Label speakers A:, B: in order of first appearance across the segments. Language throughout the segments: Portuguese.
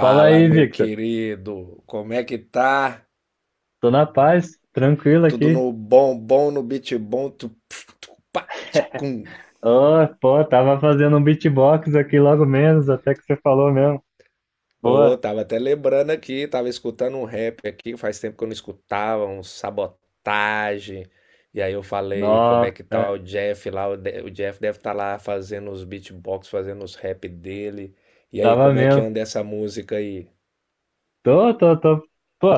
A: Fala aí,
B: meu
A: Victor.
B: querido, como é que tá?
A: Tô na paz, tranquilo
B: Tudo
A: aqui.
B: no bom, bom no beat bom. Tu, pf, tu, pá, tchicum.
A: Oh, pô, tava fazendo um beatbox aqui logo menos, até que você falou mesmo. Pô,
B: Pô, tava até lembrando aqui, tava escutando um rap aqui, faz tempo que eu não escutava, um sabotagem. E aí eu falei, como é que tá
A: nossa,
B: o Jeff lá? O, o Jeff deve estar lá fazendo os beatbox, fazendo os rap dele. E aí,
A: tava
B: como é que
A: mesmo.
B: anda essa música aí?
A: Tô. Pô,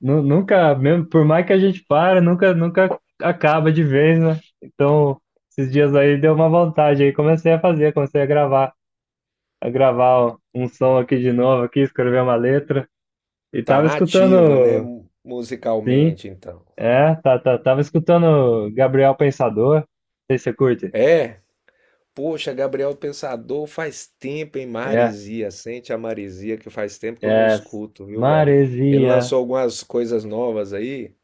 A: nunca, mesmo, por mais que a gente para, nunca acaba de vez, né? Então, esses dias aí deu uma vontade aí, comecei a fazer, comecei a gravar um som aqui de novo, aqui, escrever uma letra. E
B: Tá
A: tava
B: na ativa, né?
A: escutando, sim.
B: Musicalmente, então.
A: É, tava escutando Gabriel Pensador. Não sei se você curte.
B: É? Poxa, Gabriel Pensador, faz tempo, hein?
A: É,
B: Marizia, sente a Marizia que faz tempo que eu não
A: é.
B: escuto, viu, velho? Ele
A: Maresia.
B: lançou algumas coisas novas aí,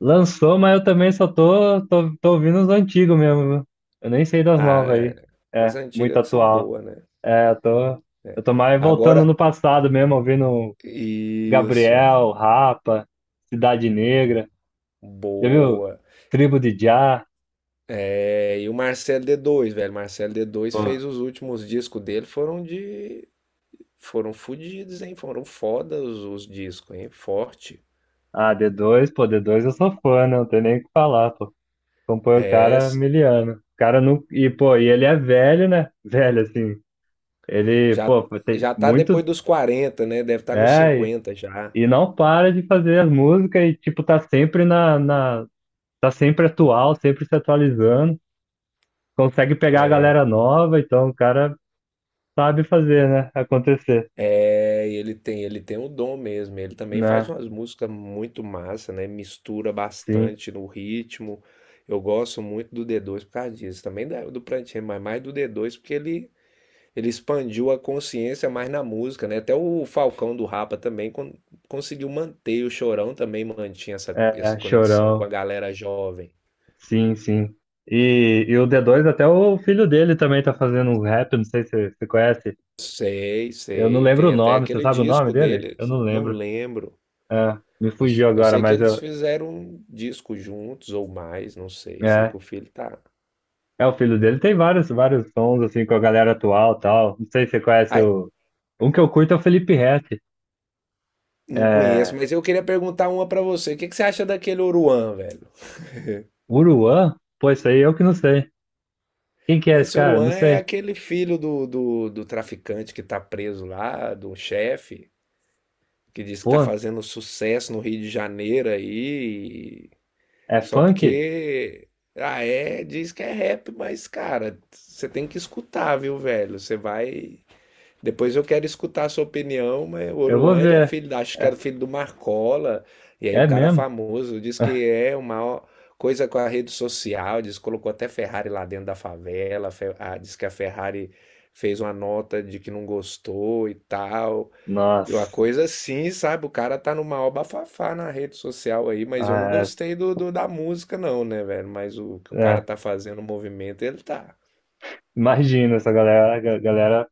A: Lançou, mas eu também só tô ouvindo os antigos mesmo, viu? Eu nem sei das
B: ah,
A: novas aí.
B: é, as
A: É, muito
B: antigas que são
A: atual.
B: boas, né?
A: É, eu tô,
B: É.
A: eu tô mais voltando
B: Agora,
A: no passado mesmo, ouvindo
B: isso,
A: Gabriel, Rapa, Cidade Negra. Já viu?
B: boa.
A: Tribo de Jah.
B: É, e o Marcelo d dois, velho, Marcelo d dois
A: Pô,
B: fez os últimos discos dele, foram fodidos, hein? Foram fodas os discos, hein? Forte.
A: ah, d dois, pô, D2 eu sou fã, né? Não tem nem o que falar, pô. Compõe o
B: É,
A: cara miliano. O cara não. E, pô, e ele é velho, né? Velho, assim. Ele,
B: já
A: pô, tem
B: já tá
A: muito.
B: depois dos quarenta, né? Deve estar nos
A: É, e,
B: 50 já.
A: e não para de fazer as músicas e, tipo, tá sempre na. Tá sempre atual, sempre se atualizando. Consegue pegar a
B: É,
A: galera nova, então o cara sabe fazer, né? Acontecer.
B: e ele tem o dom mesmo. Ele também faz
A: Né?
B: umas músicas muito massa, né? Mistura
A: Sim.
B: bastante no ritmo. Eu gosto muito do d dois por causa disso. Também do Prantinho, mas mais do d dois porque ele expandiu a consciência mais na música, né? Até o Falcão do Rapa também conseguiu manter, o Chorão também mantinha essa, essa
A: É,
B: conexão com a
A: Chorão.
B: galera jovem.
A: Sim, sim. E o d dois até o filho dele também tá fazendo um rap, não sei se você conhece.
B: Sei,
A: Eu não
B: sei.
A: lembro o
B: Tem até
A: nome, você
B: aquele
A: sabe o nome
B: disco
A: dele? Eu
B: deles.
A: não
B: Não
A: lembro.
B: lembro.
A: É, me
B: Eu,
A: fugiu
B: eu
A: agora,
B: sei que
A: mas
B: eles
A: eu.
B: fizeram um disco juntos ou mais, não sei. Sei que
A: É,
B: o filho tá.
A: é o filho dele. Tem vários, vários sons, assim, com a galera atual e tal. Não sei se você conhece
B: Ai,
A: o. Um que eu curto é o Felipe Ret.
B: não conheço,
A: É.
B: mas eu queria perguntar uma pra você. O que que você acha daquele Oruan, velho?
A: Uruan? Pô, isso aí eu que não sei. Quem que é esse
B: Esse
A: cara?
B: Oruan
A: Não
B: é
A: sei.
B: aquele filho do traficante que tá preso lá, do chefe, que diz que
A: Pô,
B: tá fazendo sucesso no Rio de Janeiro aí.
A: é
B: Só
A: funk?
B: porque. Ah, é, diz que é rap, mas, cara, você tem que escutar, viu, velho? Você vai. Depois eu quero escutar a sua opinião, mas o
A: Eu vou
B: Oruan, ele é
A: ver.
B: filho, acho que
A: É,
B: era filho do Marcola, e aí o
A: é
B: cara
A: mesmo?
B: famoso diz que é uma coisa com a rede social, diz que colocou até Ferrari lá dentro da favela, ah, diz que a Ferrari fez uma nota de que não gostou e tal. E uma
A: Nossa.
B: coisa assim, sabe? O cara tá numa maior bafafá na rede social aí, mas eu não
A: Ah,
B: gostei do, da música, não, né, velho? Mas o que
A: é,
B: o cara
A: é.
B: tá fazendo, o movimento, ele tá.
A: Imagina essa galera, a galera.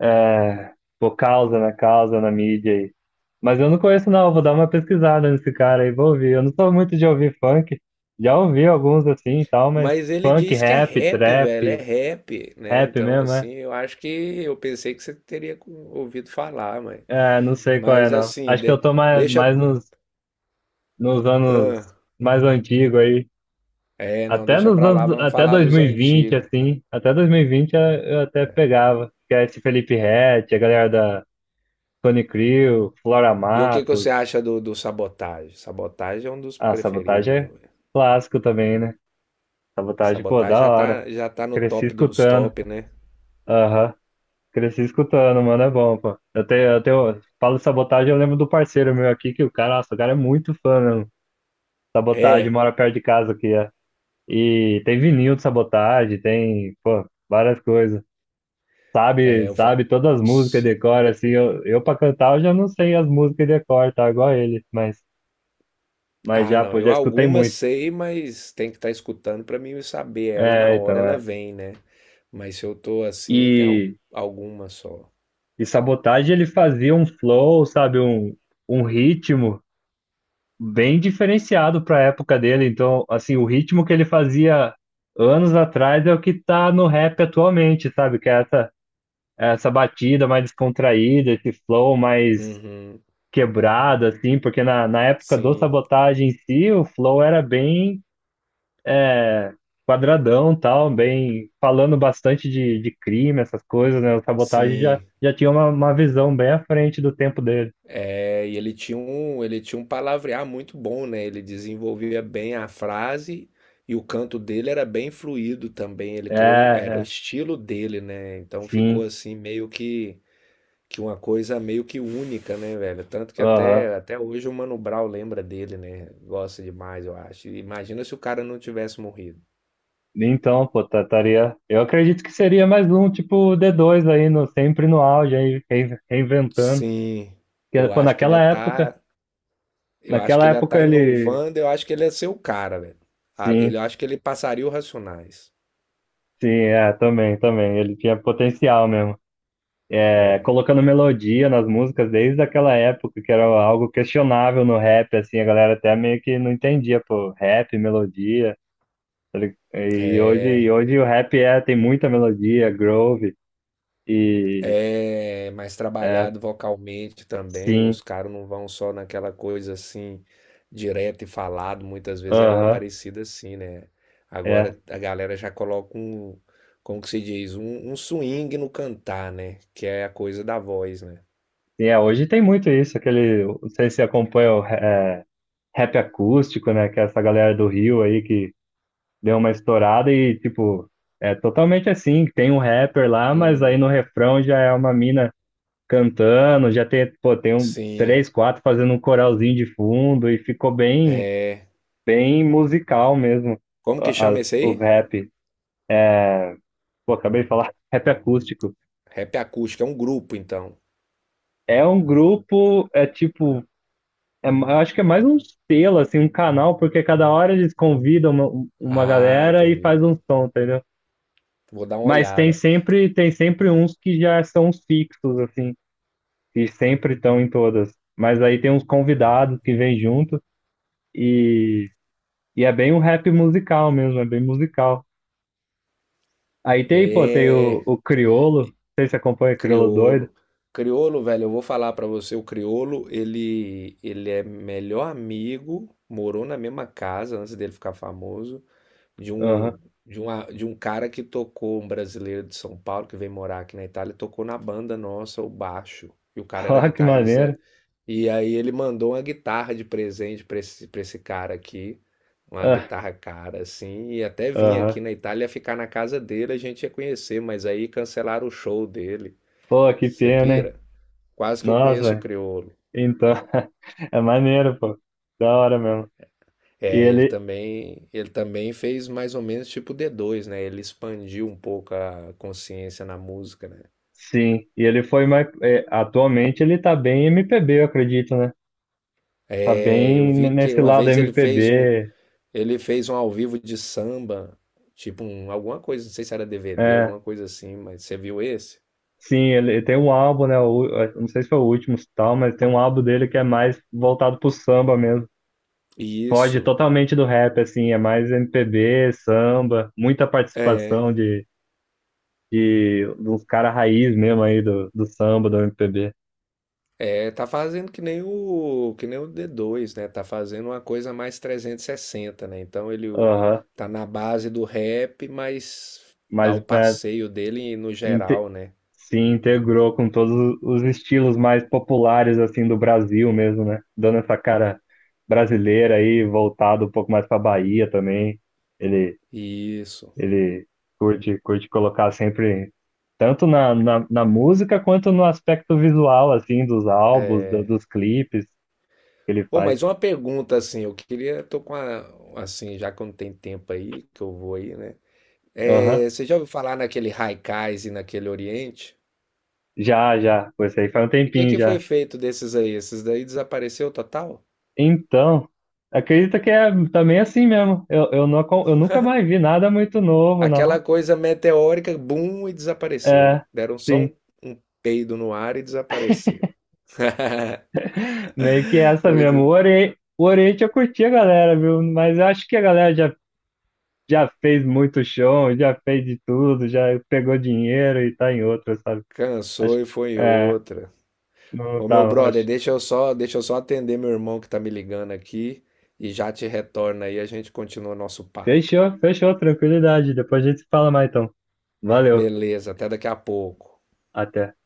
A: É, pô, causa na mídia aí. Mas eu não conheço, não. Vou dar uma pesquisada nesse cara aí, vou ouvir. Eu não sou muito de ouvir funk. Já ouvi alguns assim e tal, mas
B: Mas ele
A: funk,
B: diz que é
A: rap,
B: rap, velho, é
A: trap,
B: rap, né?
A: rap
B: Então,
A: mesmo, é?
B: assim, eu acho que eu pensei que você teria ouvido falar, mas.
A: É, não sei qual é,
B: Mas
A: não.
B: assim,
A: Acho que eu tô mais,
B: deixa.
A: mais nos anos
B: Ah,
A: mais antigos aí.
B: é, não,
A: Até
B: deixa
A: nos
B: pra lá,
A: anos,
B: vamos
A: até
B: falar dos
A: 2020,
B: antigos.
A: assim. Até 2020 eu até pegava. Que é esse Felipe Ret, a galera da Tony Crew, Flora
B: E o que que você
A: Matos.
B: acha do, do Sabotagem? Sabotagem é um dos
A: Ah,
B: preferidos
A: Sabotagem
B: meu,
A: é
B: velho.
A: clássico também, né? Sabotagem, pô,
B: Sabotagem
A: da hora.
B: já tá no
A: Cresci
B: top dos
A: escutando.
B: top, né?
A: Aham. Cresci escutando, mano, é bom, pô. Eu tenho, falo de Sabotagem, eu lembro do parceiro meu aqui, que o cara, nossa, o cara é muito fã, mesmo. Sabotagem,
B: É,
A: mora perto de casa aqui, é. E tem vinil de Sabotagem, tem, pô, várias coisas. Sabe,
B: eu fa...
A: sabe todas as músicas de cor, assim, eu pra cantar eu já não sei as músicas de cor, tá? Igual ele, mas,
B: Ah,
A: já,
B: não,
A: pô,
B: eu
A: já escutei
B: algumas
A: muito.
B: sei, mas tem que estar escutando para mim saber ela na
A: É,
B: hora
A: então,
B: ela
A: é.
B: vem, né? Mas se eu tô assim, tem
A: E...
B: alguma só.
A: E Sabotage ele fazia um flow, sabe, um ritmo bem diferenciado para a época dele. Então, assim, o ritmo que ele fazia anos atrás é o que tá no rap atualmente, sabe? Que é essa batida mais descontraída, esse flow mais
B: Uhum,
A: quebrado, assim, porque na época do
B: sim,
A: Sabotage em si, o flow era bem é, quadradão, tal, bem falando bastante de crime, essas coisas, né? O Sabotage já,
B: sim.
A: já tinha uma visão bem à frente do tempo dele.
B: É, e ele tinha um palavrear muito bom, né? Ele desenvolvia bem a frase e o canto dele era bem fluido também. Ele
A: É,
B: criou, era o
A: é,
B: estilo dele, né? Então ficou
A: sim.
B: assim meio que uma coisa meio que única, né, velho? Tanto que
A: Aham.
B: até, até hoje o Mano Brown lembra dele, né? Gosta demais, eu acho. E imagina se o cara não tivesse morrido.
A: Então, pô, estaria. Eu acredito que seria mais um, tipo, d dois aí, sempre no auge, aí, reinventando.
B: Sim,
A: Porque,
B: eu
A: pô,
B: acho que ele
A: naquela
B: ia
A: época,
B: tá, eu acho que
A: naquela
B: ele ia
A: época
B: tá
A: ele.
B: inovando, eu acho que ele ia ser o cara, velho. Ah,
A: Sim,
B: ele, eu acho que ele passaria o Racionais.
A: sim, é, também, também. Ele tinha potencial mesmo. É,
B: É,
A: colocando melodia nas músicas desde aquela época, que era algo questionável no rap, assim, a galera até meio que não entendia, pô, rap, melodia. Ele- E hoje, e
B: é.
A: hoje o rap tem muita melodia, groove. E
B: É mais
A: é,
B: trabalhado vocalmente também. Os
A: sim,
B: caras não vão só naquela coisa assim, direto e falado. Muitas vezes era
A: aham,
B: parecido assim, né?
A: é,
B: Agora a galera já coloca um, como que se diz? Um swing no cantar, né? Que é a coisa da voz, né?
A: sim, é, hoje tem muito isso, aquele, não sei se acompanha o rap acústico, né, que é essa galera do Rio aí que deu uma estourada e, tipo, é totalmente assim, tem um rapper lá, mas aí
B: Hum,
A: no refrão já é uma mina cantando, já tem, pô, tem um,
B: sim.
A: três, quatro fazendo um coralzinho de fundo e ficou bem,
B: É.
A: bem musical mesmo,
B: Como que chama
A: as,
B: esse aí?
A: os rap, pô, acabei de falar, rap acústico.
B: Rap acústico, é um grupo, então.
A: É um grupo, é tipo eu acho que é mais um selo, assim, um canal, porque cada hora eles convidam uma
B: Ah,
A: galera e faz um
B: entendi.
A: som, entendeu?
B: Vou dar uma
A: Mas tem
B: olhada.
A: sempre, tem sempre uns que já são os fixos, assim, que sempre estão em todas. Mas aí tem uns
B: Ah,
A: convidados que vêm junto e, e é bem um rap musical mesmo, é bem musical. Aí tem, pô, tem o,
B: é.
A: o Criolo, não sei se acompanha o Criolo doido.
B: Criolo. Criolo, velho, eu vou falar pra você, o Criolo, ele é melhor amigo, morou na mesma casa antes dele ficar famoso, de
A: Aham.
B: um de um cara que tocou, um brasileiro de São Paulo que veio morar aqui na Itália, tocou na banda nossa, o baixo. E o cara era
A: Ó, que
B: guitarrista.
A: maneiro.
B: E aí ele mandou uma guitarra de presente pra esse cara aqui, uma
A: Ah,
B: guitarra cara assim, e até vim aqui
A: aham.
B: na Itália ficar na casa dele, a gente ia conhecer, mas aí cancelaram o show dele.
A: Pô, que
B: Você
A: pena, hein?
B: pira? Quase que eu conheço o
A: Nossa,
B: crioulo.
A: então, é maneiro, pô. Da hora mesmo. E
B: É,
A: ele,
B: ele também fez mais ou menos tipo D2, né? Ele expandiu um pouco a consciência na música, né?
A: sim, e ele foi mais. É, atualmente ele tá bem MPB, eu acredito, né? Tá
B: É, eu
A: bem
B: vi que
A: nesse
B: uma
A: lado
B: vez
A: MPB.
B: ele fez um ao vivo de samba, tipo um, alguma coisa, não sei se era DVD,
A: É,
B: alguma coisa assim, mas você viu esse?
A: sim, ele tem um álbum, né? Eu não sei se foi o último e tal, mas tem um álbum dele que é mais voltado pro samba mesmo.
B: E
A: Foge
B: isso,
A: totalmente do rap, assim, é mais MPB, samba, muita
B: é,
A: participação de dos caras raiz mesmo aí do samba, do MPB.
B: é, tá fazendo que nem o d dois, né? Tá fazendo uma coisa mais 360, né?
A: Aham.
B: Tá na base do rap, mas dá
A: Mas
B: o
A: é,
B: passeio dele no geral, né?
A: se integrou com todos os estilos mais populares assim do Brasil mesmo, né? Dando essa cara brasileira aí, voltado um pouco mais para Bahia também. Ele
B: Isso.
A: ele curte colocar sempre tanto na música quanto no aspecto visual assim dos álbuns, dos clipes que ele
B: Bom,
A: faz.
B: mas uma pergunta assim, eu queria, tô com a, assim, já que eu não tenho tempo aí, que eu vou aí, né?
A: Aham.
B: É, você já ouviu falar naquele Haikais e naquele Oriente?
A: Já, já, foi isso aí faz um
B: E o que
A: tempinho
B: que foi
A: já.
B: feito desses aí? Esses daí desapareceu total?
A: Então, acredita que é também assim mesmo. Eu, não, eu nunca mais vi nada muito novo,
B: Aquela
A: não.
B: coisa meteórica, bum, e desapareceram.
A: É,
B: Deram só um,
A: sim.
B: um peido no ar e desapareceram.
A: Meio que essa mesmo. O
B: Muito-
A: Oriente, o Oriente eu curti a galera, viu? Mas eu acho que a galera já fez muito show, já fez de tudo, já pegou dinheiro e tá em outra, sabe?
B: cansou
A: Acho que.
B: e foi em
A: É,
B: outra.
A: não
B: Ô meu
A: tava,
B: brother,
A: acho.
B: deixa eu só atender meu irmão que tá me ligando aqui e já te retorna aí, a gente continua nosso papo.
A: Fechou, fechou, tranquilidade. Depois a gente se fala mais então. Valeu,
B: Beleza, até daqui a pouco.
A: até.